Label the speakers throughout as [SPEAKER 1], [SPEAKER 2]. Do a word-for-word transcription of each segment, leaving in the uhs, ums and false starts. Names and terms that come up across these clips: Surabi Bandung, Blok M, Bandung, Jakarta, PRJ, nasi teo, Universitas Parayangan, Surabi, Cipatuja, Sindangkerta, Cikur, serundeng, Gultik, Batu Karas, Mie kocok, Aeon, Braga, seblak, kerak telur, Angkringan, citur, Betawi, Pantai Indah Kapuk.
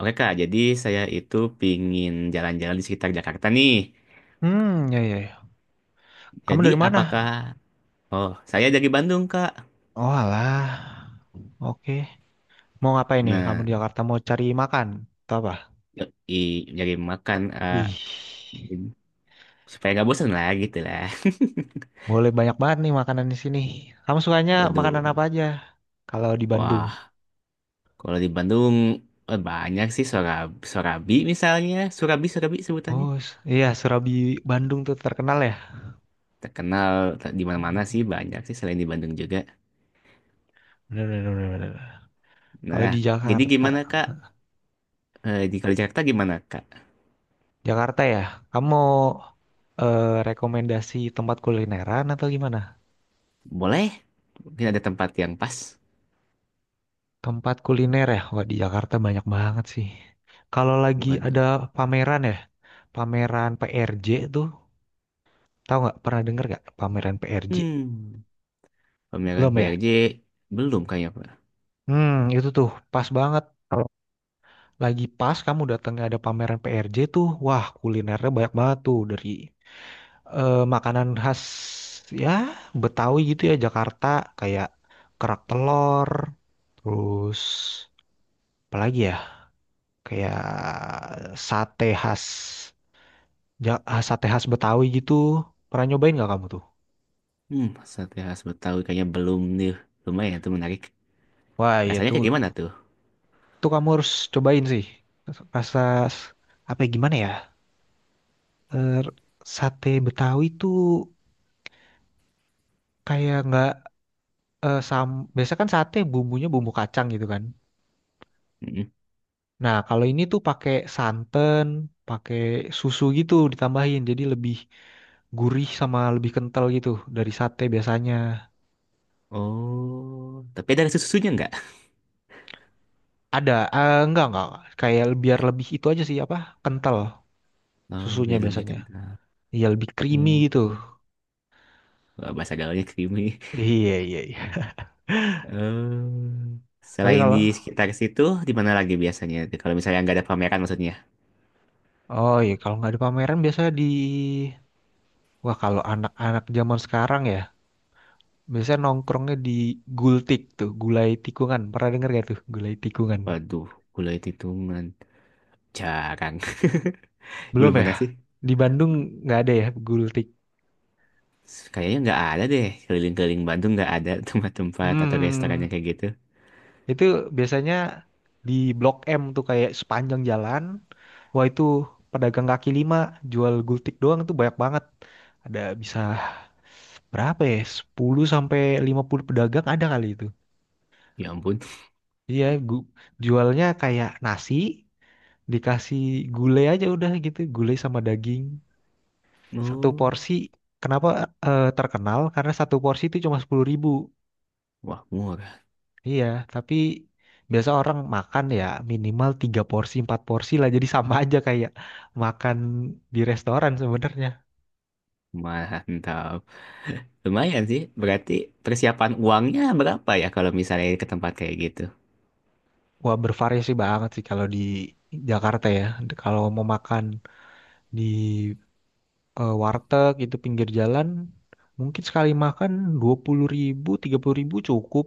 [SPEAKER 1] Oke Kak, jadi saya itu pingin jalan-jalan di sekitar Jakarta nih.
[SPEAKER 2] Hmm, ya ya ya. Kamu
[SPEAKER 1] Jadi
[SPEAKER 2] dari
[SPEAKER 1] apakah,
[SPEAKER 2] mana?
[SPEAKER 1] oh saya dari Bandung Kak.
[SPEAKER 2] Oh alah. Oke. Mau ngapain nih? Kamu
[SPEAKER 1] Nah,
[SPEAKER 2] di Jakarta mau cari makan atau apa?
[SPEAKER 1] i nyari makan, eh,
[SPEAKER 2] Wih.
[SPEAKER 1] supaya nggak bosan lah gitu lah.
[SPEAKER 2] Boleh banyak banget nih makanan di sini. Kamu sukanya
[SPEAKER 1] Waduh,
[SPEAKER 2] makanan apa aja? Kalau di Bandung.
[SPEAKER 1] wah kalau di Bandung eh, banyak sih Sorabi, Sorabi misalnya, Surabi Surabi sebutannya.
[SPEAKER 2] Oh, s- iya Surabi Bandung tuh terkenal ya.
[SPEAKER 1] Terkenal t- di mana-mana sih banyak sih selain di Bandung juga.
[SPEAKER 2] Bener, bener, bener, bener. Kalau
[SPEAKER 1] Nah,
[SPEAKER 2] di
[SPEAKER 1] jadi
[SPEAKER 2] Jakarta,
[SPEAKER 1] gimana Kak? Eh, di Kalau di Jakarta gimana Kak?
[SPEAKER 2] Jakarta ya. Kamu mau eh, rekomendasi tempat kulineran atau gimana?
[SPEAKER 1] Boleh? Mungkin ada tempat yang pas.
[SPEAKER 2] Tempat kuliner ya, wah di Jakarta banyak banget sih. Kalau lagi
[SPEAKER 1] Waduh.
[SPEAKER 2] ada pameran ya, pameran P R J tuh, tahu nggak? Pernah denger nggak pameran P R J?
[SPEAKER 1] Hmm, Pameran
[SPEAKER 2] Belum ya?
[SPEAKER 1] P R J belum kayaknya Pak.
[SPEAKER 2] Hmm, itu tuh pas banget. Kalau lagi pas kamu datangnya ada pameran P R J tuh, wah kulinernya banyak banget tuh dari eh, makanan khas ya Betawi gitu ya Jakarta kayak kerak telur, terus apalagi ya kayak sate khas Ja- ah, sate khas Betawi gitu. Pernah nyobain nggak kamu tuh?
[SPEAKER 1] Hmm, sate khas Betawi kayaknya belum nih. Lumayan tuh menarik.
[SPEAKER 2] Wah, iya
[SPEAKER 1] Rasanya
[SPEAKER 2] tuh,
[SPEAKER 1] kayak gimana tuh?
[SPEAKER 2] tuh kamu harus cobain sih. Rasa s- apa ya, gimana ya? Er, sate Betawi tuh kayak nggak eh, sam. Biasa kan sate bumbunya bumbu kacang gitu kan.
[SPEAKER 1] Mm-mm.
[SPEAKER 2] Nah, kalau ini tuh pakai santan, pakai susu gitu ditambahin, jadi lebih gurih sama lebih kental gitu dari sate biasanya.
[SPEAKER 1] Oh, tapi ada rasa susunya nggak?
[SPEAKER 2] Ada, eh, enggak enggak, kayak biar lebih itu aja sih apa kental
[SPEAKER 1] Oh,
[SPEAKER 2] susunya
[SPEAKER 1] biar lebih
[SPEAKER 2] biasanya.
[SPEAKER 1] kental.
[SPEAKER 2] Iya lebih creamy
[SPEAKER 1] Hmm.
[SPEAKER 2] gitu.
[SPEAKER 1] Wah, bahasa gaulnya creamy.
[SPEAKER 2] Iya iya iya.
[SPEAKER 1] Eh,
[SPEAKER 2] Tapi
[SPEAKER 1] Selain di
[SPEAKER 2] kalau
[SPEAKER 1] sekitar situ, di mana lagi biasanya? Kalau misalnya nggak ada pameran maksudnya.
[SPEAKER 2] oh iya kalau nggak ada pameran biasanya di wah kalau anak-anak zaman sekarang ya biasanya nongkrongnya di Gultik tuh gulai tikungan. Pernah denger gak tuh gulai tikungan?
[SPEAKER 1] Waduh, gulai titungan. Jarang.
[SPEAKER 2] Belum
[SPEAKER 1] Belum
[SPEAKER 2] ya?
[SPEAKER 1] pernah sih.
[SPEAKER 2] Di Bandung nggak ada ya gultik.
[SPEAKER 1] Kayaknya nggak ada deh. Keliling-keliling Bandung nggak ada tempat-tempat atau restoran yang
[SPEAKER 2] Hmm.
[SPEAKER 1] kayak gitu.
[SPEAKER 2] Itu biasanya di Blok M tuh kayak sepanjang jalan. Wah itu pedagang kaki lima jual gultik doang itu banyak banget. Ada bisa berapa ya? Sepuluh sampai lima puluh pedagang ada kali itu.
[SPEAKER 1] Ya ampun.
[SPEAKER 2] Iya, gu- jualnya kayak nasi dikasih gulai aja udah gitu, gulai sama daging. Satu
[SPEAKER 1] Oh,
[SPEAKER 2] porsi kenapa eh, terkenal? Karena satu porsi itu cuma sepuluh ribu.
[SPEAKER 1] wah murah.
[SPEAKER 2] Iya, tapi biasa orang makan ya minimal tiga porsi, empat porsi lah. Jadi sama aja kayak makan di restoran sebenarnya.
[SPEAKER 1] Mantap. Lumayan sih. Berarti persiapan uangnya berapa ya kalau misalnya ke tempat kayak gitu?
[SPEAKER 2] Wah, bervariasi banget sih kalau di Jakarta ya. Kalau mau makan di eh, warteg itu pinggir jalan, mungkin sekali makan dua puluh ribu, tiga puluh ribu cukup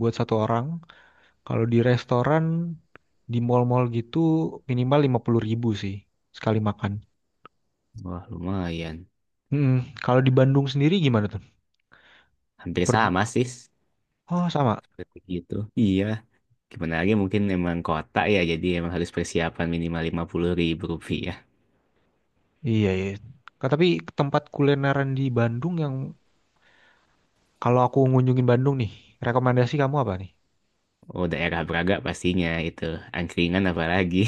[SPEAKER 2] buat satu orang. Kalau di restoran, di mall-mall gitu minimal lima puluh ribu sih sekali makan.
[SPEAKER 1] Wah, lumayan.
[SPEAKER 2] Mm-mm. Kalau di Bandung sendiri gimana tuh?
[SPEAKER 1] Hampir sama sih.
[SPEAKER 2] Oh sama.
[SPEAKER 1] Seperti gitu. Iya. Gimana lagi mungkin emang kota ya, jadi emang harus persiapan minimal lima puluh ribu rupiah.
[SPEAKER 2] Iya iya. Ka- Tapi tempat kulineran di Bandung yang kalau aku ngunjungin Bandung nih, rekomendasi kamu apa nih?
[SPEAKER 1] Oh, daerah Braga pastinya itu. Angkringan apalagi.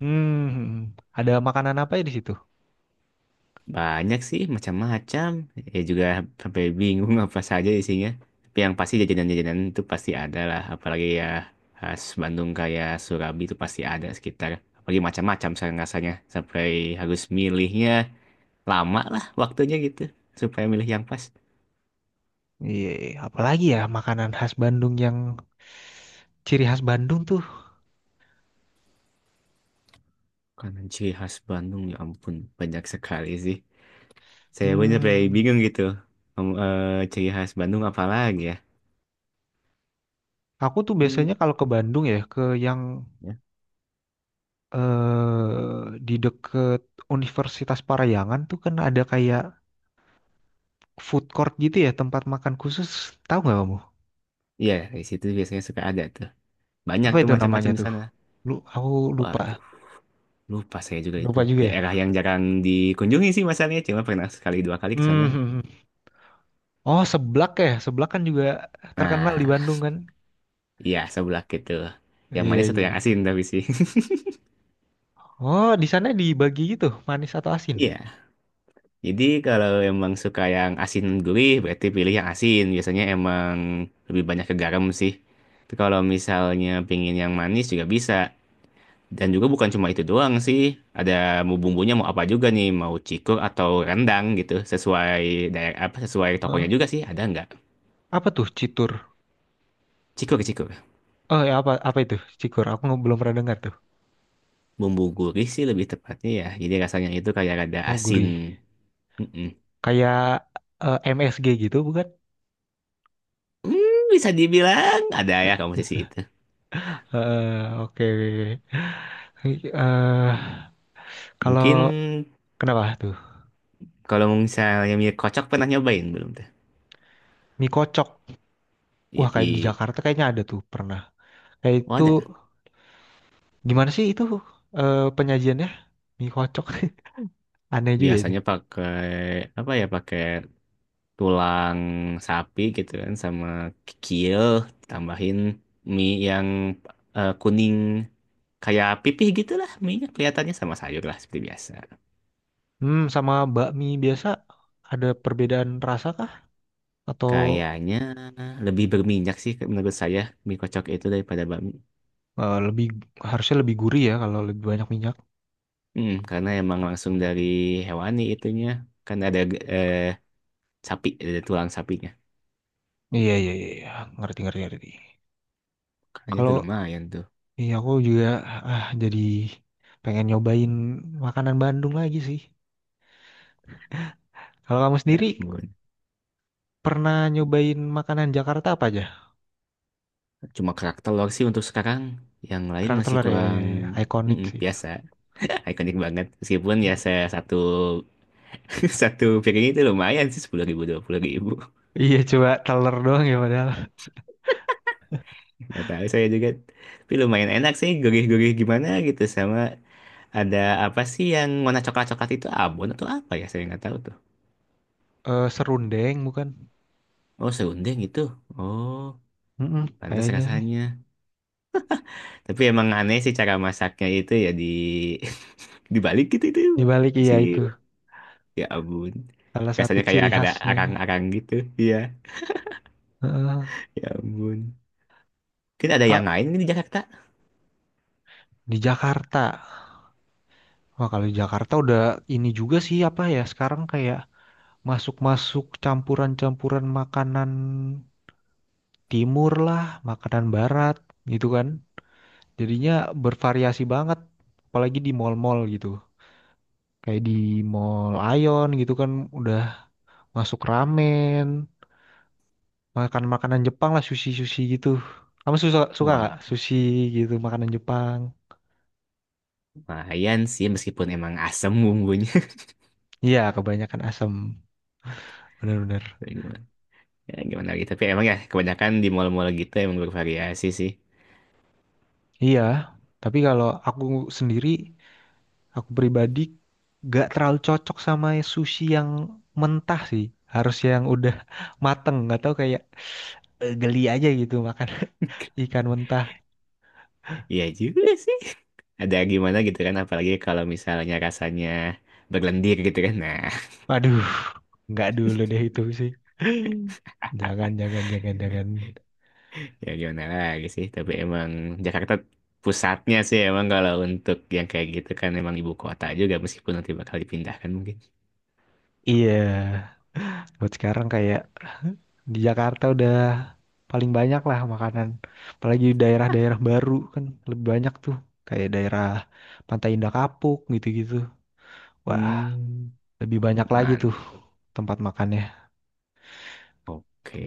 [SPEAKER 2] Hmm, ada makanan apa ya di situ?
[SPEAKER 1] Banyak sih, macam-macam. Ya juga sampai bingung apa saja isinya. Tapi yang pasti jajanan-jajanan itu pasti ada lah. Apalagi ya khas Bandung kayak Surabi itu pasti ada sekitar. Apalagi macam-macam sekarang rasanya. Sampai harus milihnya lama lah waktunya gitu. Supaya milih yang pas.
[SPEAKER 2] Iya, iya, apalagi ya makanan khas Bandung yang ciri khas Bandung tuh.
[SPEAKER 1] Karena ciri khas Bandung ya ampun banyak sekali sih. Saya pun sampai
[SPEAKER 2] Hmm,
[SPEAKER 1] bingung gitu. Em, eh, ciri khas Bandung apa lagi ya?
[SPEAKER 2] aku tuh
[SPEAKER 1] Hmm,
[SPEAKER 2] biasanya kalau ke Bandung ya ke yang
[SPEAKER 1] ya.
[SPEAKER 2] eh di deket Universitas Parayangan tuh kan ada kayak food court gitu ya tempat makan khusus. Tahu nggak kamu?
[SPEAKER 1] Iya, di situ biasanya suka ada tuh. Banyak
[SPEAKER 2] Apa
[SPEAKER 1] tuh
[SPEAKER 2] itu namanya
[SPEAKER 1] macam-macam di
[SPEAKER 2] tuh?
[SPEAKER 1] sana.
[SPEAKER 2] Lu, aku lupa,
[SPEAKER 1] Waduh, lupa saya juga itu.
[SPEAKER 2] lupa juga ya.
[SPEAKER 1] Daerah yang jarang dikunjungi sih masalahnya, cuma pernah sekali dua kali ke sana.
[SPEAKER 2] Hmm. Hmm, hmm. Oh, seblak ya. Seblak kan juga terkenal di
[SPEAKER 1] Nah,
[SPEAKER 2] Bandung kan?
[SPEAKER 1] iya sebelah gitu. Yang
[SPEAKER 2] Iya,
[SPEAKER 1] manis satu yang
[SPEAKER 2] iya.
[SPEAKER 1] asin tapi sih.
[SPEAKER 2] Oh, di sana dibagi gitu, manis atau asin?
[SPEAKER 1] Iya. Jadi kalau emang suka yang asin gurih, berarti pilih yang asin. Biasanya emang lebih banyak ke garam sih. Tapi kalau misalnya pingin yang manis juga bisa. Dan juga bukan cuma itu doang sih. Ada mau bumbunya mau apa juga nih, mau cikur atau rendang gitu. Sesuai daerah apa sesuai tokonya
[SPEAKER 2] Heeh.
[SPEAKER 1] juga sih, ada nggak?
[SPEAKER 2] Apa tuh citur?
[SPEAKER 1] Cikur, cikur.
[SPEAKER 2] Oh, ya apa apa itu? Cikur. Aku nge- belum pernah dengar tuh.
[SPEAKER 1] Bumbu gurih sih lebih tepatnya ya. Jadi rasanya itu kayak ada
[SPEAKER 2] Oh,
[SPEAKER 1] asin.
[SPEAKER 2] gurih.
[SPEAKER 1] Mm-mm.
[SPEAKER 2] Kayak eh, M S G gitu bukan?
[SPEAKER 1] Hmm, bisa dibilang ada ya kamu sisi itu.
[SPEAKER 2] Eh, oke. Eh, kalau
[SPEAKER 1] Mungkin
[SPEAKER 2] kenapa tuh?
[SPEAKER 1] kalau misalnya mie kocok pernah nyobain belum tuh?
[SPEAKER 2] Mie kocok. Wah,
[SPEAKER 1] Iya, i.
[SPEAKER 2] kayak di Jakarta kayaknya ada tuh pernah. Kayak
[SPEAKER 1] Oh
[SPEAKER 2] itu
[SPEAKER 1] ada.
[SPEAKER 2] gimana sih itu eh, penyajiannya? Mie kocok. Aneh juga itu.
[SPEAKER 1] Biasanya pakai apa ya? Pakai tulang sapi gitu kan sama kikil tambahin mie yang eh, kuning kayak pipih gitu lah mie-nya kelihatannya sama sayur lah seperti biasa.
[SPEAKER 2] Hmm, sama bakmi biasa ada perbedaan rasa kah? Atau
[SPEAKER 1] Kayaknya lebih berminyak sih menurut saya mie kocok itu daripada bakmi.
[SPEAKER 2] eh, lebih harusnya lebih gurih ya kalau lebih banyak minyak?
[SPEAKER 1] Mm, karena emang langsung dari hewani itunya. Kan ada eh, sapi, ada tulang sapinya.
[SPEAKER 2] Iya iya iya, iya. Ngerti ngerti ngerti.
[SPEAKER 1] Kayaknya itu
[SPEAKER 2] Kalau
[SPEAKER 1] lumayan tuh.
[SPEAKER 2] iya aku juga ah jadi pengen nyobain makanan Bandung lagi sih. Kalau kamu sendiri
[SPEAKER 1] Ya ampun.
[SPEAKER 2] pernah nyobain makanan Jakarta apa aja?
[SPEAKER 1] Cuma kerak telur sih untuk sekarang. Yang lain
[SPEAKER 2] Kerak
[SPEAKER 1] masih
[SPEAKER 2] telur ya,
[SPEAKER 1] kurang.
[SPEAKER 2] ya, ya. Ikonik
[SPEAKER 1] Mm-mm,
[SPEAKER 2] sih itu.
[SPEAKER 1] biasa. Ikonik banget. Meskipun ya saya satu satu piring itu lumayan sih sepuluh ribu, dua puluh ribu.
[SPEAKER 2] Iya coba telur doang ya padahal.
[SPEAKER 1] Nggak tahu saya juga. Tapi lumayan enak sih gurih-gurih gimana gitu sama. Ada apa sih yang warna coklat-coklat itu abon atau apa ya? Saya nggak tahu tuh.
[SPEAKER 2] Eh, serundeng bukan?
[SPEAKER 1] Oh, serundeng gitu. Oh,
[SPEAKER 2] Mm-mm,
[SPEAKER 1] pantas
[SPEAKER 2] kayaknya sih.
[SPEAKER 1] rasanya. Tapi emang aneh sih cara masaknya itu ya di dibalik gitu itu
[SPEAKER 2] Dibalik iya
[SPEAKER 1] sih.
[SPEAKER 2] itu
[SPEAKER 1] Ya ampun.
[SPEAKER 2] salah satu
[SPEAKER 1] Rasanya kayak
[SPEAKER 2] ciri
[SPEAKER 1] ada
[SPEAKER 2] khasnya.
[SPEAKER 1] arang-arang gitu. Iya.
[SPEAKER 2] Heeh.
[SPEAKER 1] Ya ampun. Mungkin ada yang
[SPEAKER 2] Kak,
[SPEAKER 1] lain di Jakarta?
[SPEAKER 2] di Jakarta. Wah, kalau di Jakarta udah ini juga sih apa ya sekarang kayak masuk-masuk campuran-campuran makanan timur lah, makanan barat gitu kan. Jadinya bervariasi banget, apalagi di mall-mall gitu. Kayak di Mall Aeon gitu kan udah masuk ramen, makan makanan Jepang lah, sushi-sushi gitu. Kamu suka suka nggak
[SPEAKER 1] Wah,
[SPEAKER 2] sushi gitu makanan Jepang?
[SPEAKER 1] lumayan sih meskipun emang asem bumbunya.
[SPEAKER 2] Iya, kebanyakan asam, bener-bener.
[SPEAKER 1] Ya gimana, ya, gimana lagi? Tapi emang ya kebanyakan di mall-mall gitu emang bervariasi sih.
[SPEAKER 2] Iya, tapi kalau aku sendiri, aku pribadi gak terlalu cocok sama sushi yang mentah sih. Harus yang udah mateng, gak tahu kayak eh, geli aja gitu makan ikan mentah.
[SPEAKER 1] Iya juga sih. Ada gimana gitu kan apalagi kalau misalnya rasanya berlendir gitu kan nah
[SPEAKER 2] Waduh, nggak dulu deh itu sih. Jangan, jangan, jangan, jangan.
[SPEAKER 1] ya gimana lagi sih tapi emang Jakarta pusatnya sih emang kalau untuk yang kayak gitu kan emang ibu kota juga meskipun nanti bakal dipindahkan mungkin.
[SPEAKER 2] Iya, buat sekarang kayak di Jakarta udah paling banyak lah makanan. Apalagi di daerah-daerah baru kan lebih banyak tuh. Kayak daerah Pantai Indah Kapuk gitu-gitu. Wah,
[SPEAKER 1] Hmm,
[SPEAKER 2] lebih banyak lagi tuh
[SPEAKER 1] mantap,
[SPEAKER 2] tempat makannya.
[SPEAKER 1] oke,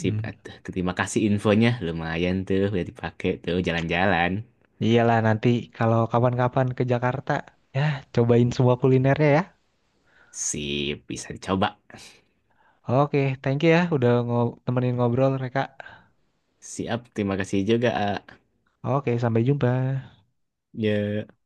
[SPEAKER 1] sip atuh. Terima kasih infonya lumayan tuh udah dipakai tuh jalan-jalan.
[SPEAKER 2] Iyalah nanti kalau kapan-kapan ke Jakarta, ya cobain semua kulinernya ya.
[SPEAKER 1] Sip bisa dicoba.
[SPEAKER 2] Oke, thank you ya udah ngo- temenin ngobrol mereka.
[SPEAKER 1] Siap terima kasih juga A.
[SPEAKER 2] Oke, sampai jumpa.
[SPEAKER 1] Ya